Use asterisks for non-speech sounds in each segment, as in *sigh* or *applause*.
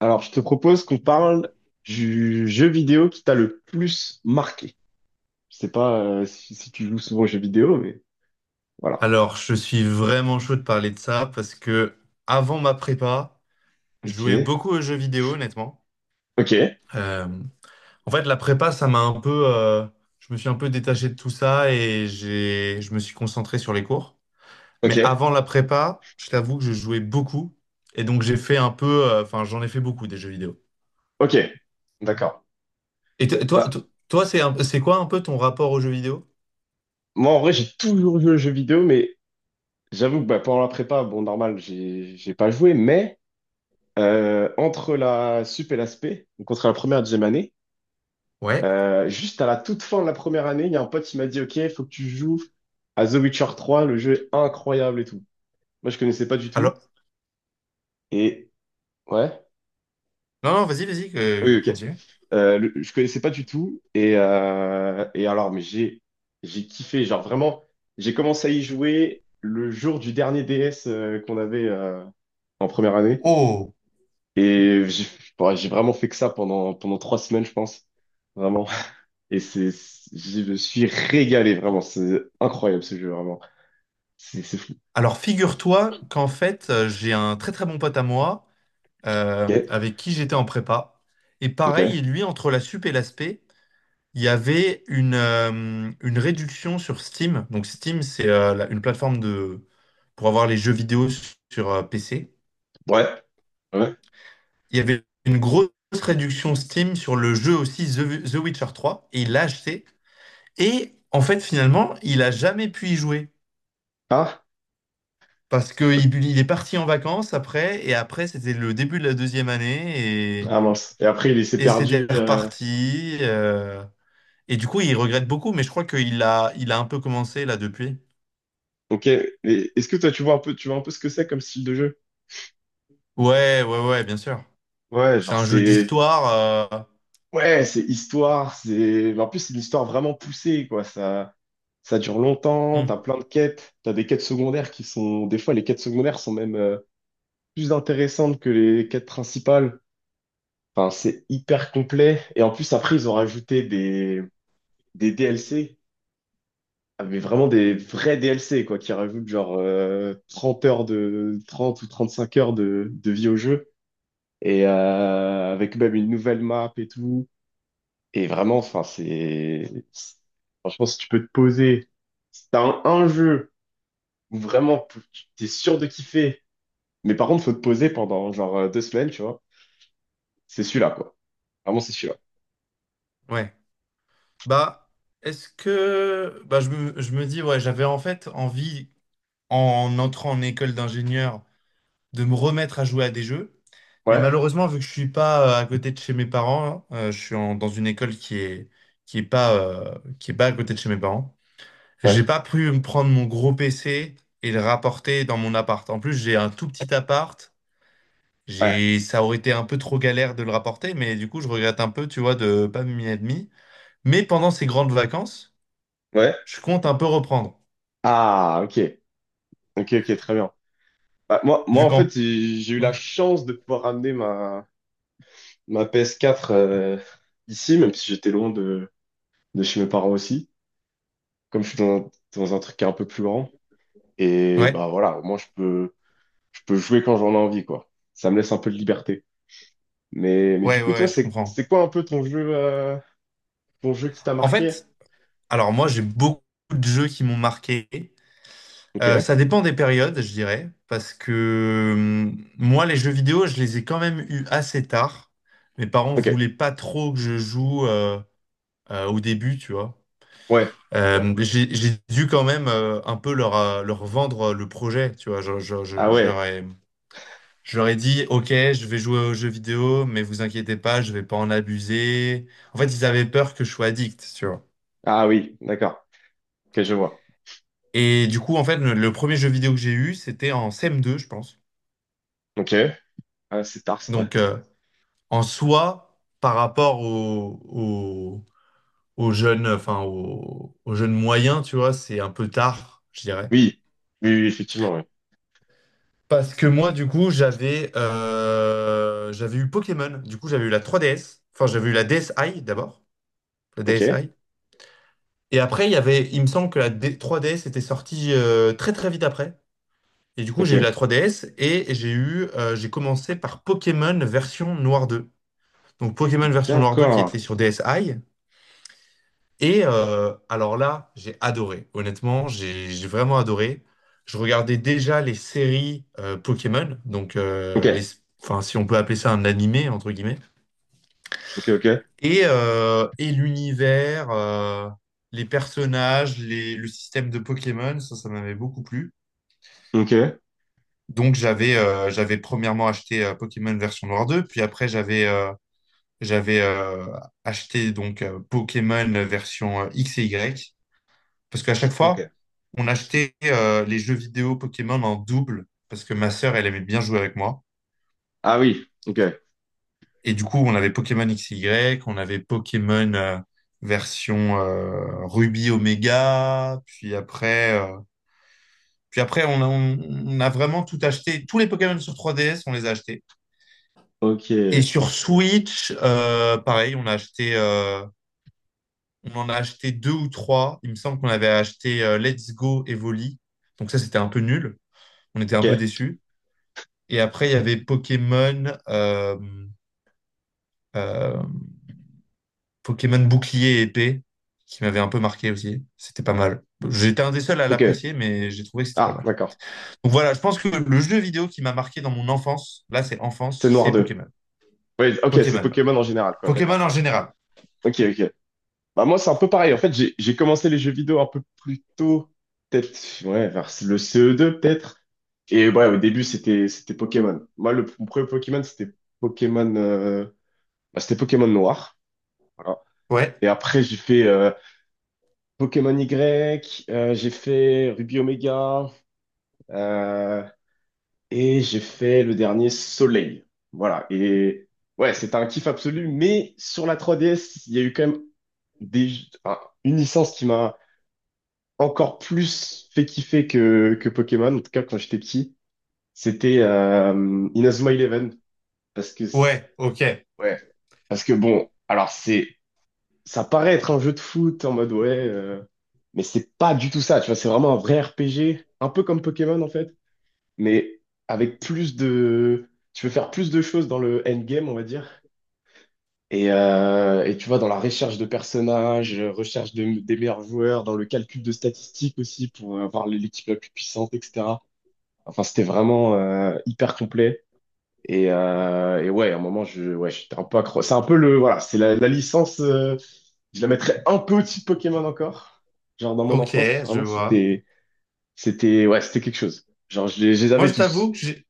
Alors, je te propose qu'on parle du jeu vidéo qui t'a le plus marqué. Je sais pas si tu joues souvent aux jeux vidéo, mais voilà. Alors, je suis vraiment chaud de parler de ça parce que avant ma prépa, je Ok, jouais beaucoup aux jeux vidéo, honnêtement. ok, Euh, en fait, la prépa, ça m'a un peu, je me suis un peu détaché de tout ça et je me suis concentré sur les cours. ok, Mais avant la prépa, je t'avoue que je jouais beaucoup et donc j'ai fait un peu, enfin, j'en ai fait beaucoup des jeux vidéo. ok. D'accord. Et Bah, toi, c'est quoi un peu ton rapport aux jeux vidéo? moi, en vrai, j'ai toujours joué aux jeux vidéo, mais j'avoue que bah, pendant la prépa, bon, normal, j'ai pas joué, mais entre la sup et la spé, donc entre la première et la deuxième année, Ouais. Juste à la toute fin de la première année, il y a un pote qui m'a dit, OK, faut que tu joues à The Witcher trois, le jeu est incroyable et tout. Moi, je connaissais pas du tout. Alors, Et ouais. non, non, vas-y, vas-y, Oui, ok. continue. Je connaissais pas du tout. Et alors, mais j'ai kiffé. Genre, vraiment, j'ai commencé à y jouer le jour du dernier DS qu'on avait en première année. Oh, Et j'ai ouais, j'ai vraiment fait que ça pendant, pendant trois semaines, je pense. Vraiment. *laughs* Et je me suis régalé, vraiment. C'est incroyable ce jeu, vraiment. C'est fou. alors figure-toi qu'en fait, j'ai un très très bon pote à moi Ok. avec qui j'étais en prépa. Et Ok. pareil, lui, entre la sup et l'aspect, il y avait une réduction sur Steam. Donc Steam, c'est une plateforme de, pour avoir les jeux vidéo sur PC. Ouais. Ouais. Il y avait une grosse réduction Steam sur le jeu aussi The Witcher trois et il l'a acheté. Et en fait, finalement, il a jamais pu y jouer Ah. parce que il est parti en vacances après et après c'était le début de la deuxième année Ah mince. Et après, il s'est et c'était perdu. Reparti. Et du coup, il regrette beaucoup, mais je crois il a un peu commencé là depuis. Ok, et est-ce que toi tu vois un peu, tu vois un peu ce que c'est comme style de jeu? Ouais, ouais, ouais, bien sûr. Ouais, C'est genre un jeu c'est, d'histoire. ouais, c'est histoire, c'est, en plus c'est une histoire vraiment poussée quoi. Ça dure longtemps. euh, hmm, T'as plein de quêtes, t'as des quêtes secondaires qui sont, des fois les quêtes secondaires sont même plus intéressantes que les quêtes principales. Enfin, c'est hyper complet. Et en plus après ils ont rajouté des DLC, ah, mais vraiment des vrais DLC quoi, qui rajoutent genre 30 heures de, 30 ou 35 heures de vie au jeu. Et avec même une nouvelle map et tout. Et vraiment, enfin, franchement, si tu peux te poser, si t'as un jeu où vraiment t'es sûr de kiffer, mais par contre, faut te poser pendant genre deux semaines, tu vois, c'est celui-là, quoi. Vraiment, c'est celui-là. ouais. Bah, est-ce que. Bah, je me dis, ouais, j'avais en fait envie en entrant en école d'ingénieur de me remettre à jouer à des jeux. Mais Ouais, malheureusement, vu que je suis pas à côté de chez mes parents, hein, dans une école qui est pas qui est pas à côté de chez mes parents. ouais, J'ai pas pu me prendre mon gros PC et le rapporter dans mon appart. En plus, j'ai un tout petit appart. ouais, Ça aurait été un peu trop galère de le rapporter, mais du coup, je regrette un peu, tu vois, de pas m'y être mis. Mais pendant ces grandes vacances, ouais. je compte un peu reprendre. Ah, ok, ok, ok, très bien. Bah, Vu en fait, qu'en... j'ai eu Ouais, la chance de pouvoir ramener ma ps quatre ici, même si j'étais loin de chez mes parents aussi, comme je suis dans, dans un truc qui est un peu plus grand. Et ouais, bah voilà, au moins je peux jouer quand j'en ai envie, quoi. Ça me laisse un peu de liberté. Mais du coup, ouais, toi, je comprends. c'est quoi un peu ton jeu qui t'a En marqué? fait, Alors moi, j'ai beaucoup de jeux qui m'ont marqué. Ok, Ça dépend des périodes, je dirais, parce que euh, moi, les jeux vidéo, je les ai quand même eus assez tard. Mes parents ok, voulaient pas trop que je joue au début, tu vois. ouais. Ok. J'ai dû quand même un peu leur vendre le projet, tu vois. Ah Je ouais, leur ai, je leur ai dit, OK, je vais jouer aux jeux vidéo, mais vous inquiétez pas, je vais pas en abuser. En fait, ils avaient peur que je sois addict, tu vois. ah oui, d'accord. Ok, je vois. Et du coup, en fait, le premier jeu vidéo que j'ai eu, c'était en CM2, je pense. Ok, ah, c'est tard, c'est vrai. Donc, en soi, par rapport au aux aux jeunes moyens, tu vois, c'est un peu tard, je dirais. Oui, oui, oui, effectivement, oui. Parce que moi, du coup, j'avais eu Pokémon. Du coup, j'avais eu la 3DS. Enfin, j'avais eu la DSi d'abord, la Ok, DSi. Et après, il y avait, il me semble que 3DS était sortie très très vite après. Et du coup, ok, j'ai eu la 3DS et j'ai commencé par Pokémon version Noir 2. Donc Pokémon version Noir 2 qui d'accord. était sur DSi. Alors là, j'ai adoré. Honnêtement, j'ai vraiment adoré. Je regardais déjà les séries Pokémon, donc Ok, enfin, si on peut appeler ça un animé, entre guillemets. ok, ok, Et l'univers, les personnages, le système de Pokémon, ça m'avait beaucoup plu. ok, Donc j'avais premièrement acheté Pokémon version Noir 2, puis après j'avais J'avais acheté donc Pokémon version X et Y parce qu'à chaque fois, ok. on achetait les jeux vidéo Pokémon en double parce que ma sœur, elle aimait bien jouer avec moi. Ah oui, ok, Et du coup, on avait Pokémon X et Y, on avait Pokémon version Ruby Omega, puis après, on a vraiment tout acheté. Tous les Pokémon sur 3DS, on les a achetés. Et ok, sur Switch, pareil, on a acheté. On en a acheté deux ou trois. Il me semble qu'on avait acheté Let's Go et Volley. Donc ça, c'était un peu nul. On était un peu ok, déçus. Et après, il y avait euh, Pokémon Bouclier et Épée, qui m'avait un peu marqué aussi. C'était pas mal. J'étais un des seuls à ok. l'apprécier, mais j'ai trouvé que c'était pas Ah, mal. d'accord. Donc voilà, je pense que le jeu vidéo qui m'a marqué dans mon enfance, là c'est C'est enfance, Noir c'est deux. Pokémon. Oui, ok, c'est Pokémon. Pokémon en général, quoi, d'accord. Pokémon en général. Ok, ok. Bah moi, c'est un peu pareil. En fait, j'ai commencé les jeux vidéo un peu plus tôt, peut-être ouais, vers le CE2 peut-être. Et ouais, au début, c'était Pokémon. Moi, mon premier Pokémon, Pokémon euh, c'était Pokémon Noir. Voilà. Ouais, Et après, j'ai fait Pokémon Y, j'ai fait Ruby Omega, euh, et j'ai fait le dernier Soleil. Voilà. Et ouais, c'était un kiff absolu. Mais sur la 3DS, il y a eu quand même des, enfin, une licence qui m'a encore plus fait kiffer que Pokémon, en tout cas quand j'étais petit, c'était Inazuma Eleven. Parce que, c'est- ouais, ok, ouais, parce que bon, ça paraît être un jeu de foot en mode ouais, mais c'est pas du tout ça, tu vois, c'est vraiment un vrai RPG, un peu comme Pokémon en fait, mais avec plus de, tu peux faire plus de choses dans le endgame, on va dire. Et tu vois, dans la recherche de personnages, recherche de, des meilleurs joueurs, dans le calcul de statistiques aussi pour avoir l'équipe la plus puissante, etc. Enfin, c'était vraiment hyper complet. Et ouais, à un moment, ouais, j'étais un peu accro. C'est un peu voilà, c'est la licence. Je la mettrais un peu au-dessus de Pokémon encore. Genre dans mon enfance, ok, je vraiment, vois. Ouais, c'était quelque chose. Genre, je les Moi, avais je t'avoue tous. que j'ai-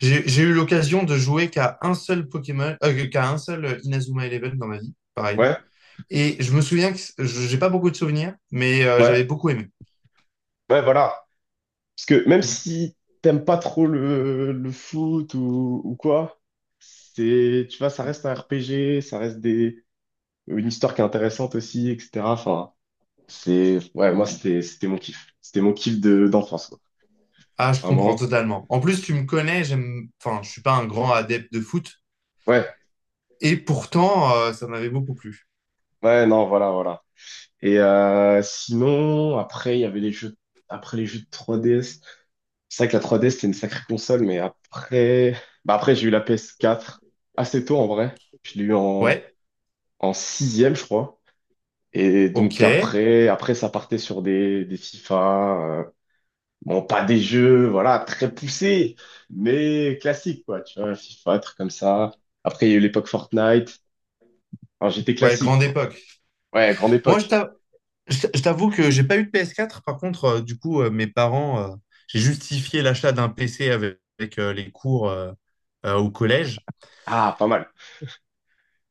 j'ai eu l'occasion de jouer qu'à un seul Pokémon, qu'à un seul Inazuma Eleven dans ma vie, pareil. Ouais, Et je me souviens que j'ai pas beaucoup de souvenirs, mais ouais, j'avais beaucoup aimé. ouais, voilà. Parce que même Mm. si t'aimes pas trop le foot ou quoi, tu vois, ça reste un RPG, ça reste des, une histoire qui est intéressante aussi, etc. Enfin. Ouais, moi, c'était mon kiff. C'était mon kiff de, d'enfance, quoi. Ah, je comprends Vraiment. totalement. En plus, tu me connais, je suis pas un grand adepte de foot, Ouais, et pourtant, ça m'avait beaucoup plu. ouais, non, voilà, voilà. Et sinon, après, il y avait les jeux, après les jeux de 3DS. C'est vrai que la 3DS, c'était une sacrée console, mais après, bah après, j'ai eu la PS4 assez tôt, en vrai. Je l'ai eu Ouais, en sixième, je crois. Et donc ok, après, après, ça partait sur des FIFA. Bon, pas des jeux, voilà, très poussés, mais classiques, quoi. Tu vois, FIFA, un truc comme ça. Après, il y a eu l'époque Fortnite. Enfin, j'étais ouais, classique, grande quoi. époque. Ouais, grande Moi, époque. Je t'avoue que j'ai pas eu de PS4. Par contre, mes parents, j'ai justifié l'achat d'un PC avec, les cours au collège. Ah, pas mal.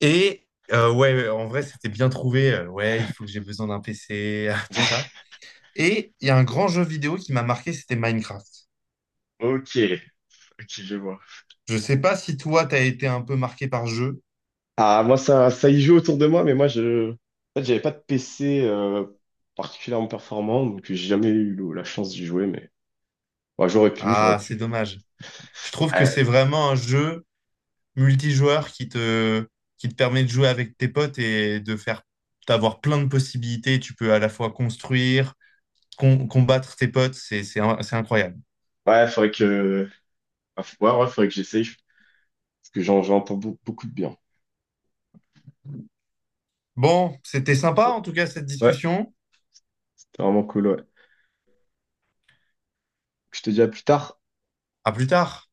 Et ouais, ouais, en vrai, c'était bien trouvé. Ouais, il faut que j'ai besoin d'un PC, *laughs* tout ça. *laughs* Et il y a un grand jeu vidéo qui m'a marqué, c'était Minecraft. Ok, ok, je vois. Je sais pas si toi, t'as été un peu marqué par jeu. Ah, moi, ça y joue autour de moi, mais moi, je... En fait, j'avais pas de PC particulièrement performant, donc j'ai jamais eu la chance d'y jouer, mais ouais, j'aurais Ah, c'est pu. dommage. Je trouve que Ouais, c'est vraiment un jeu multijoueur qui te permet de jouer avec tes potes et de faire, d'avoir plein de possibilités. Tu peux à la fois construire, combattre tes potes. C'est incroyable. ouais, faudrait que... Ouais, ouais, ouais, faudrait que j'essaye, parce que j'en entends beaucoup de bien. Bon, c'était sympa en tout cas cette Ouais, discussion. c'était vraiment cool, ouais. Je te dis à plus tard. À plus tard.